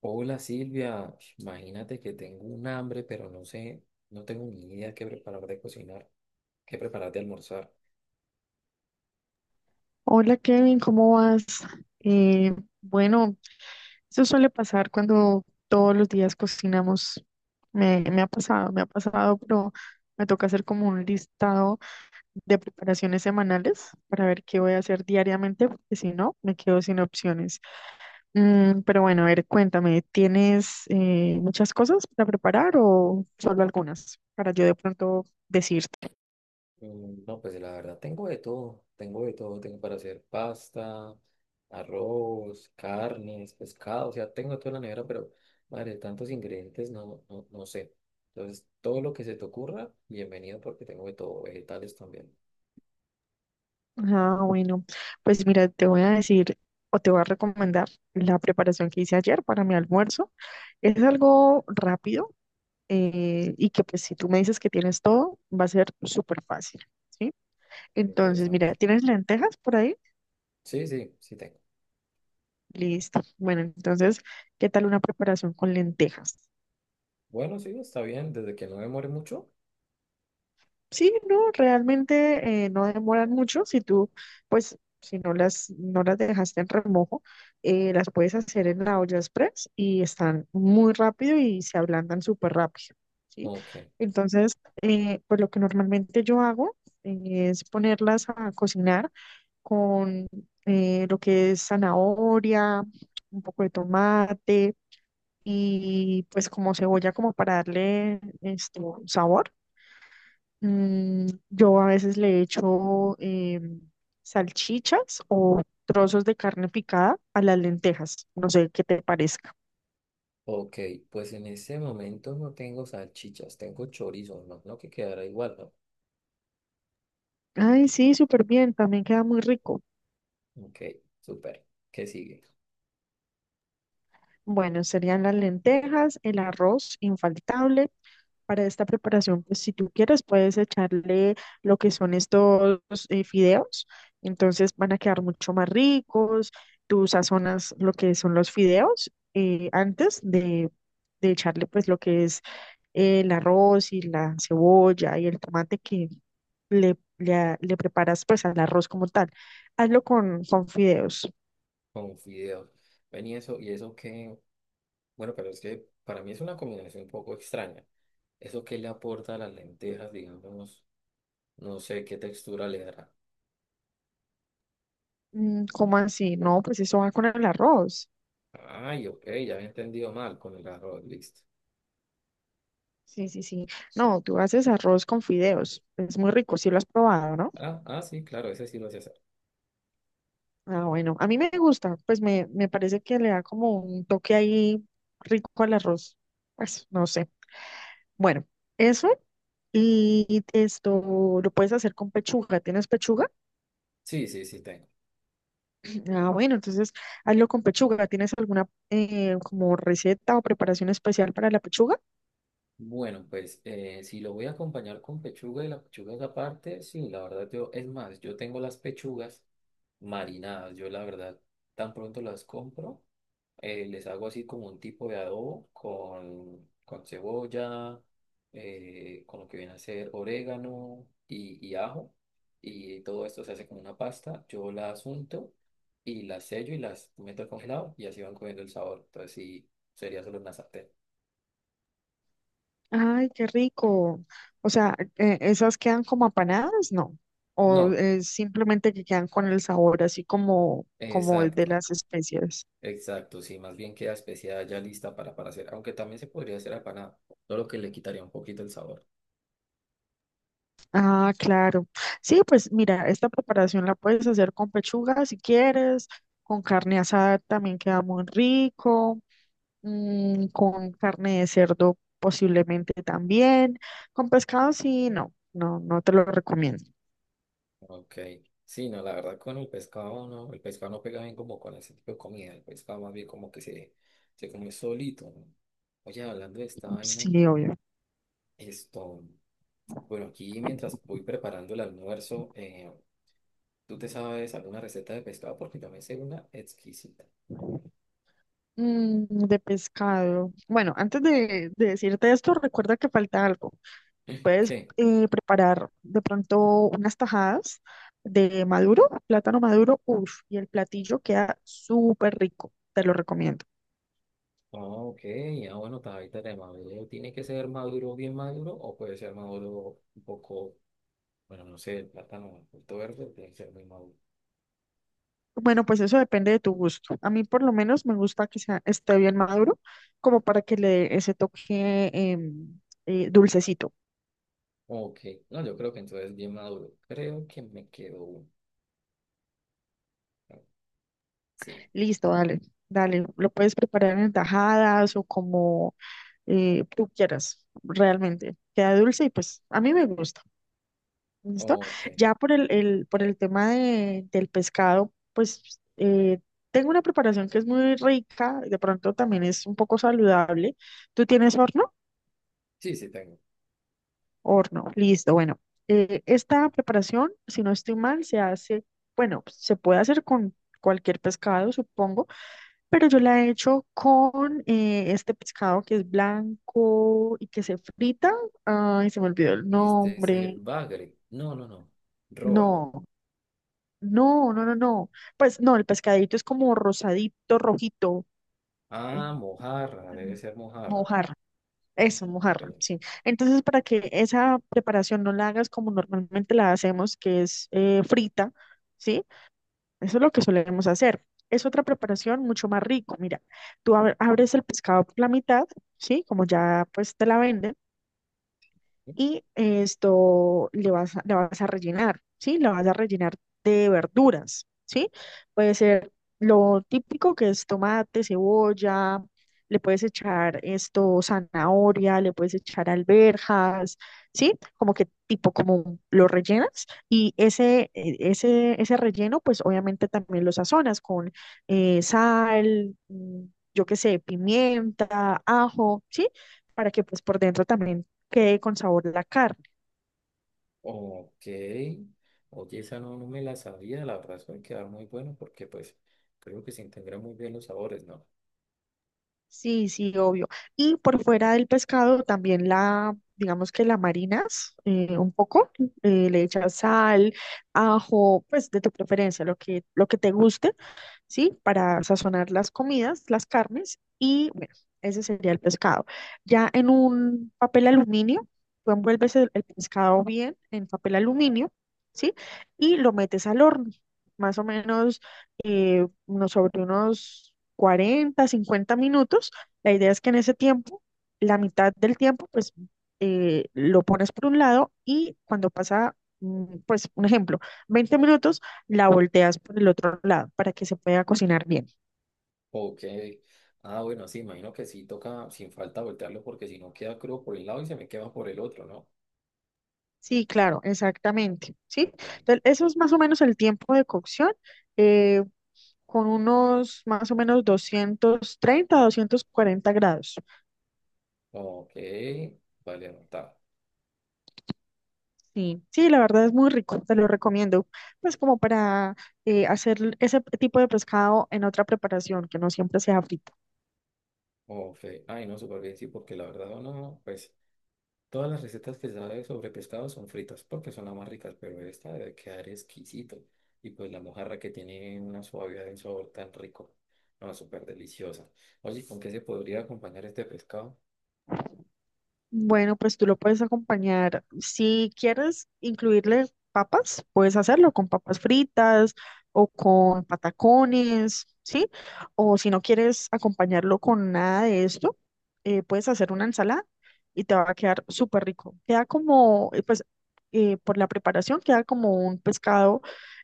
Hola Silvia, imagínate que tengo un hambre, pero no sé, no tengo ni idea qué preparar de cocinar, qué preparar de almorzar. Hola Kevin, ¿cómo vas? Eh, bueno, eso suele pasar cuando todos los días cocinamos. Me ha pasado, pero me toca hacer como un listado de preparaciones semanales para ver qué voy a hacer diariamente, porque si no, me quedo sin opciones. Mm, pero bueno, a ver, cuéntame, ¿tienes muchas cosas para preparar o solo algunas para yo de pronto decir? Mm, no, pues la verdad, tengo de todo, tengo de todo, tengo para hacer pasta, arroz, carnes, pescado, o sea, tengo todo en la nevera, pero madre, tantos ingredientes, no sé. Entonces, todo lo que se te ocurra, bienvenido porque tengo de todo, vegetales también, Ah, bueno, pues mira, te voy a decir o te voy a recomendar la preparación que hice ayer para mi almuerzo. Es algo rápido y que pues si tú me dices que tienes todo, va a ser súper fácil, ¿sí? Entonces, mira, interesante. ¿tienes lentejas por ahí? Sí, sí, sí tengo. Listo. Bueno, entonces, ¿qué tal una preparación con lentejas? Bueno, sí, está bien, desde que no demore mucho. Sí, no, realmente no demoran mucho. Si tú, pues, si no las dejaste en remojo, las puedes hacer en la olla express y están muy rápido y se ablandan súper rápido, ¿sí? Ok. Entonces, pues lo que normalmente yo hago es ponerlas a cocinar con lo que es zanahoria, un poco de tomate y pues como cebolla como para darle este, sabor. Mm, yo a veces le echo salchichas o trozos de carne picada a las lentejas. No sé qué te parezca. Ok, pues en este momento no tengo salchichas, tengo chorizo, no, no, que quedará igual, ¿no? Ay, sí, súper bien. También queda muy rico. Ok, súper. ¿Qué sigue? Bueno, serían las lentejas, el arroz infaltable. Para esta preparación, pues si tú quieres, puedes echarle lo que son estos fideos. Entonces van a quedar mucho más ricos. Tú sazonas lo que son los fideos antes de echarle pues lo que es el arroz y la cebolla y el tomate que le preparas pues al arroz como tal. Hazlo con fideos. Con fideos. Ven y eso que, bueno, pero es que para mí es una combinación un poco extraña. Eso que le aporta a las lentejas, digamos, no sé qué textura le dará. Mm, ¿cómo así? No, pues eso va con el arroz. Ay, ok, ya había entendido mal, con el arroz, listo. Sí, sí, sí. No, tú haces arroz con fideos. Es muy rico, sí lo has probado, ¿no? Ah, ah, sí, claro, ese sí lo sé hacer. Ah, bueno, a mí me gusta, pues me parece que le da como un toque ahí rico al arroz. Pues no sé. Bueno, eso y esto lo puedes hacer con pechuga. ¿Tienes pechuga? Sí, sí, sí, tengo. Ah, bueno, entonces hazlo con pechuga. ¿Tienes alguna como receta o preparación especial para la pechuga? Bueno, pues si lo voy a acompañar con pechuga y la pechuga es aparte, sí, la verdad yo, es más, yo tengo las pechugas marinadas, yo la verdad tan pronto las compro, les hago así como un tipo de adobo con cebolla, con lo que viene a ser orégano y ajo, y todo esto se hace como una pasta, yo las unto y las sello y las meto al congelado y así van cogiendo el sabor, entonces sí, sería solo una sartén. Ay, qué rico. O sea, ¿esas quedan como apanadas? No. O No, simplemente que quedan con el sabor así como, como el de exacto. las especias. Exacto, sí, más bien queda especiada ya lista para hacer, aunque también se podría hacer apanada, solo que le quitaría un poquito el sabor. Ah, claro. Sí, pues mira, esta preparación la puedes hacer con pechuga si quieres, con carne asada también queda muy rico. Mm, con carne de cerdo posiblemente también. Con pescado sí, no te lo recomiendo. Ok, sí, no, la verdad con el pescado no pega bien como con ese tipo de comida, el pescado más bien como que se come solito, ¿no? Oye, hablando de esta vaina, Sí, obvio. esto, bueno, aquí mientras voy preparando el almuerzo, ¿tú te sabes alguna receta de pescado? Porque yo me sé una exquisita. Mm, de pescado. Bueno, antes de decirte esto, recuerda que falta algo. Puedes ¿Qué? Preparar de pronto unas tajadas de maduro, plátano maduro, uff, y el platillo queda súper rico. Te lo recomiendo. Ah, ok, ya bueno, está ahí tenemos. ¿Tiene que ser maduro, bien maduro, o puede ser maduro un poco, bueno, no sé, el plátano, el fruto verde, tiene que ser muy maduro? Bueno, pues eso depende de tu gusto. A mí por lo menos me gusta que sea, esté bien maduro, como para que le dé ese toque dulcecito. Ok, no, yo creo que entonces bien maduro. Creo que me quedó uno. Ah, sí, Listo, dale. Lo puedes preparar en tajadas o como tú quieras, realmente. Queda dulce y pues a mí me gusta. ¿Listo? ok. Ya por por el tema del pescado, pues tengo una preparación que es muy rica, de pronto también es un poco saludable. ¿Tú tienes horno? Sí, sí tengo. Horno, listo. Bueno, esta preparación, si no estoy mal, se hace, bueno, se puede hacer con cualquier pescado, supongo, pero yo la he hecho con este pescado que es blanco y que se frita. Ay, se me olvidó el Este es el nombre. bagre. No, no, no. Róbalo. No. No. Pues no, el pescadito es como rosadito, rojito. Mm, Ah, mojarra, debe ser mojarra. mojarra. Eso, mojarra, Ok. sí. Entonces, para que esa preparación no la hagas como normalmente la hacemos, que es frita, ¿sí? Eso es lo que solemos hacer. Es otra preparación mucho más rico. Mira, tú abres el pescado por la mitad, ¿sí? Como ya pues te la venden. Y esto le vas a, la vas a rellenar, ¿sí? La vas a rellenar de verduras, ¿sí? Puede ser lo típico que es tomate, cebolla, le puedes echar esto, zanahoria, le puedes echar alberjas, ¿sí? Como que tipo como lo rellenas y ese relleno pues obviamente también lo sazonas con sal, mm, yo qué sé, pimienta, ajo, ¿sí? Para que pues por dentro también quede con sabor a la carne. Ok, oye, esa no, no me la sabía, la verdad suele quedar muy bueno porque pues creo que se integran muy bien los sabores, ¿no? Sí, sí, obvio. Y por fuera del pescado también la, digamos que la marinas un poco, le echas sal, ajo, pues de tu preferencia, lo que te guste. ¿Sí? Para sazonar las comidas, las carnes y bueno, ese sería el pescado. Ya en un papel aluminio, tú envuelves el pescado bien en papel aluminio, ¿sí? Y lo metes al horno, más o menos sobre unos 40, 50 minutos. La idea es que en ese tiempo, la mitad del tiempo, pues lo pones por un lado y cuando pasa, mm, pues un ejemplo, 20 minutos, la volteas por el otro lado para que se pueda cocinar bien. Ok, ah, bueno, sí, imagino que sí toca sin falta voltearlo porque si no queda crudo por el lado y se me quema por el otro, ¿no? Sí, claro, exactamente. Sí, Ok. entonces eso es más o menos el tiempo de cocción, eh, con unos más o menos 230, 240 grados. Ok, vale, anotar. Sí, sí, la verdad es muy rico, te lo recomiendo. Pues como para hacer ese tipo de pescado en otra preparación, que no siempre sea frito. Ok, ay no, súper bien, sí, porque la verdad no, pues todas las recetas que sabe sobre pescado son fritas porque son las más ricas, pero esta debe quedar exquisito. Y pues la mojarra que tiene una suavidad de sabor tan rico. No, súper deliciosa. Oye, ¿con qué se podría acompañar este pescado? Bueno, pues tú lo puedes acompañar. Si quieres incluirle papas, puedes hacerlo con papas fritas o con patacones, ¿sí? O si no quieres acompañarlo con nada de esto, puedes hacer una ensalada y te va a quedar súper rico. Queda como, por la preparación, queda como un pescado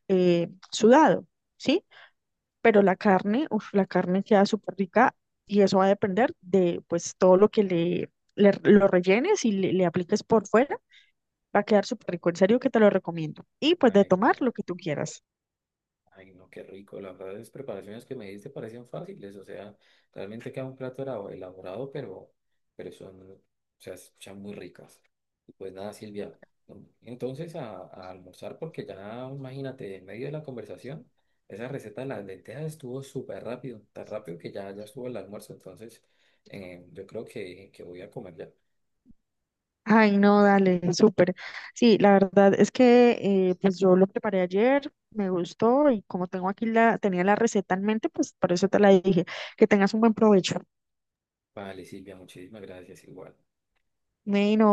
sudado, ¿sí? Pero la carne, uf, la carne queda súper rica y eso va a depender de pues todo lo que lo rellenes y le apliques por fuera, va a quedar súper rico, en serio que te lo recomiendo. Y pues de Ay, qué- tomar lo que tú quieras. Ay, no, qué rico. La verdad, las preparaciones que me diste parecían fáciles. O sea, realmente queda un plato elaborado, pero son, o sea, se escuchan muy ricas. Pues nada, Silvia. ¿No? Entonces a almorzar porque ya, imagínate, en medio de la conversación, esa receta de las lentejas estuvo súper rápido, tan rápido que ya, ya estuvo el almuerzo. Entonces yo creo que voy a comer ya. Ay, no, dale, súper. Sí, la verdad es que pues yo lo preparé ayer, me gustó y como tengo aquí la, tenía la receta en mente, pues por eso te la dije, que tengas un buen provecho. Vale, Silvia, muchísimas gracias igual. Bueno.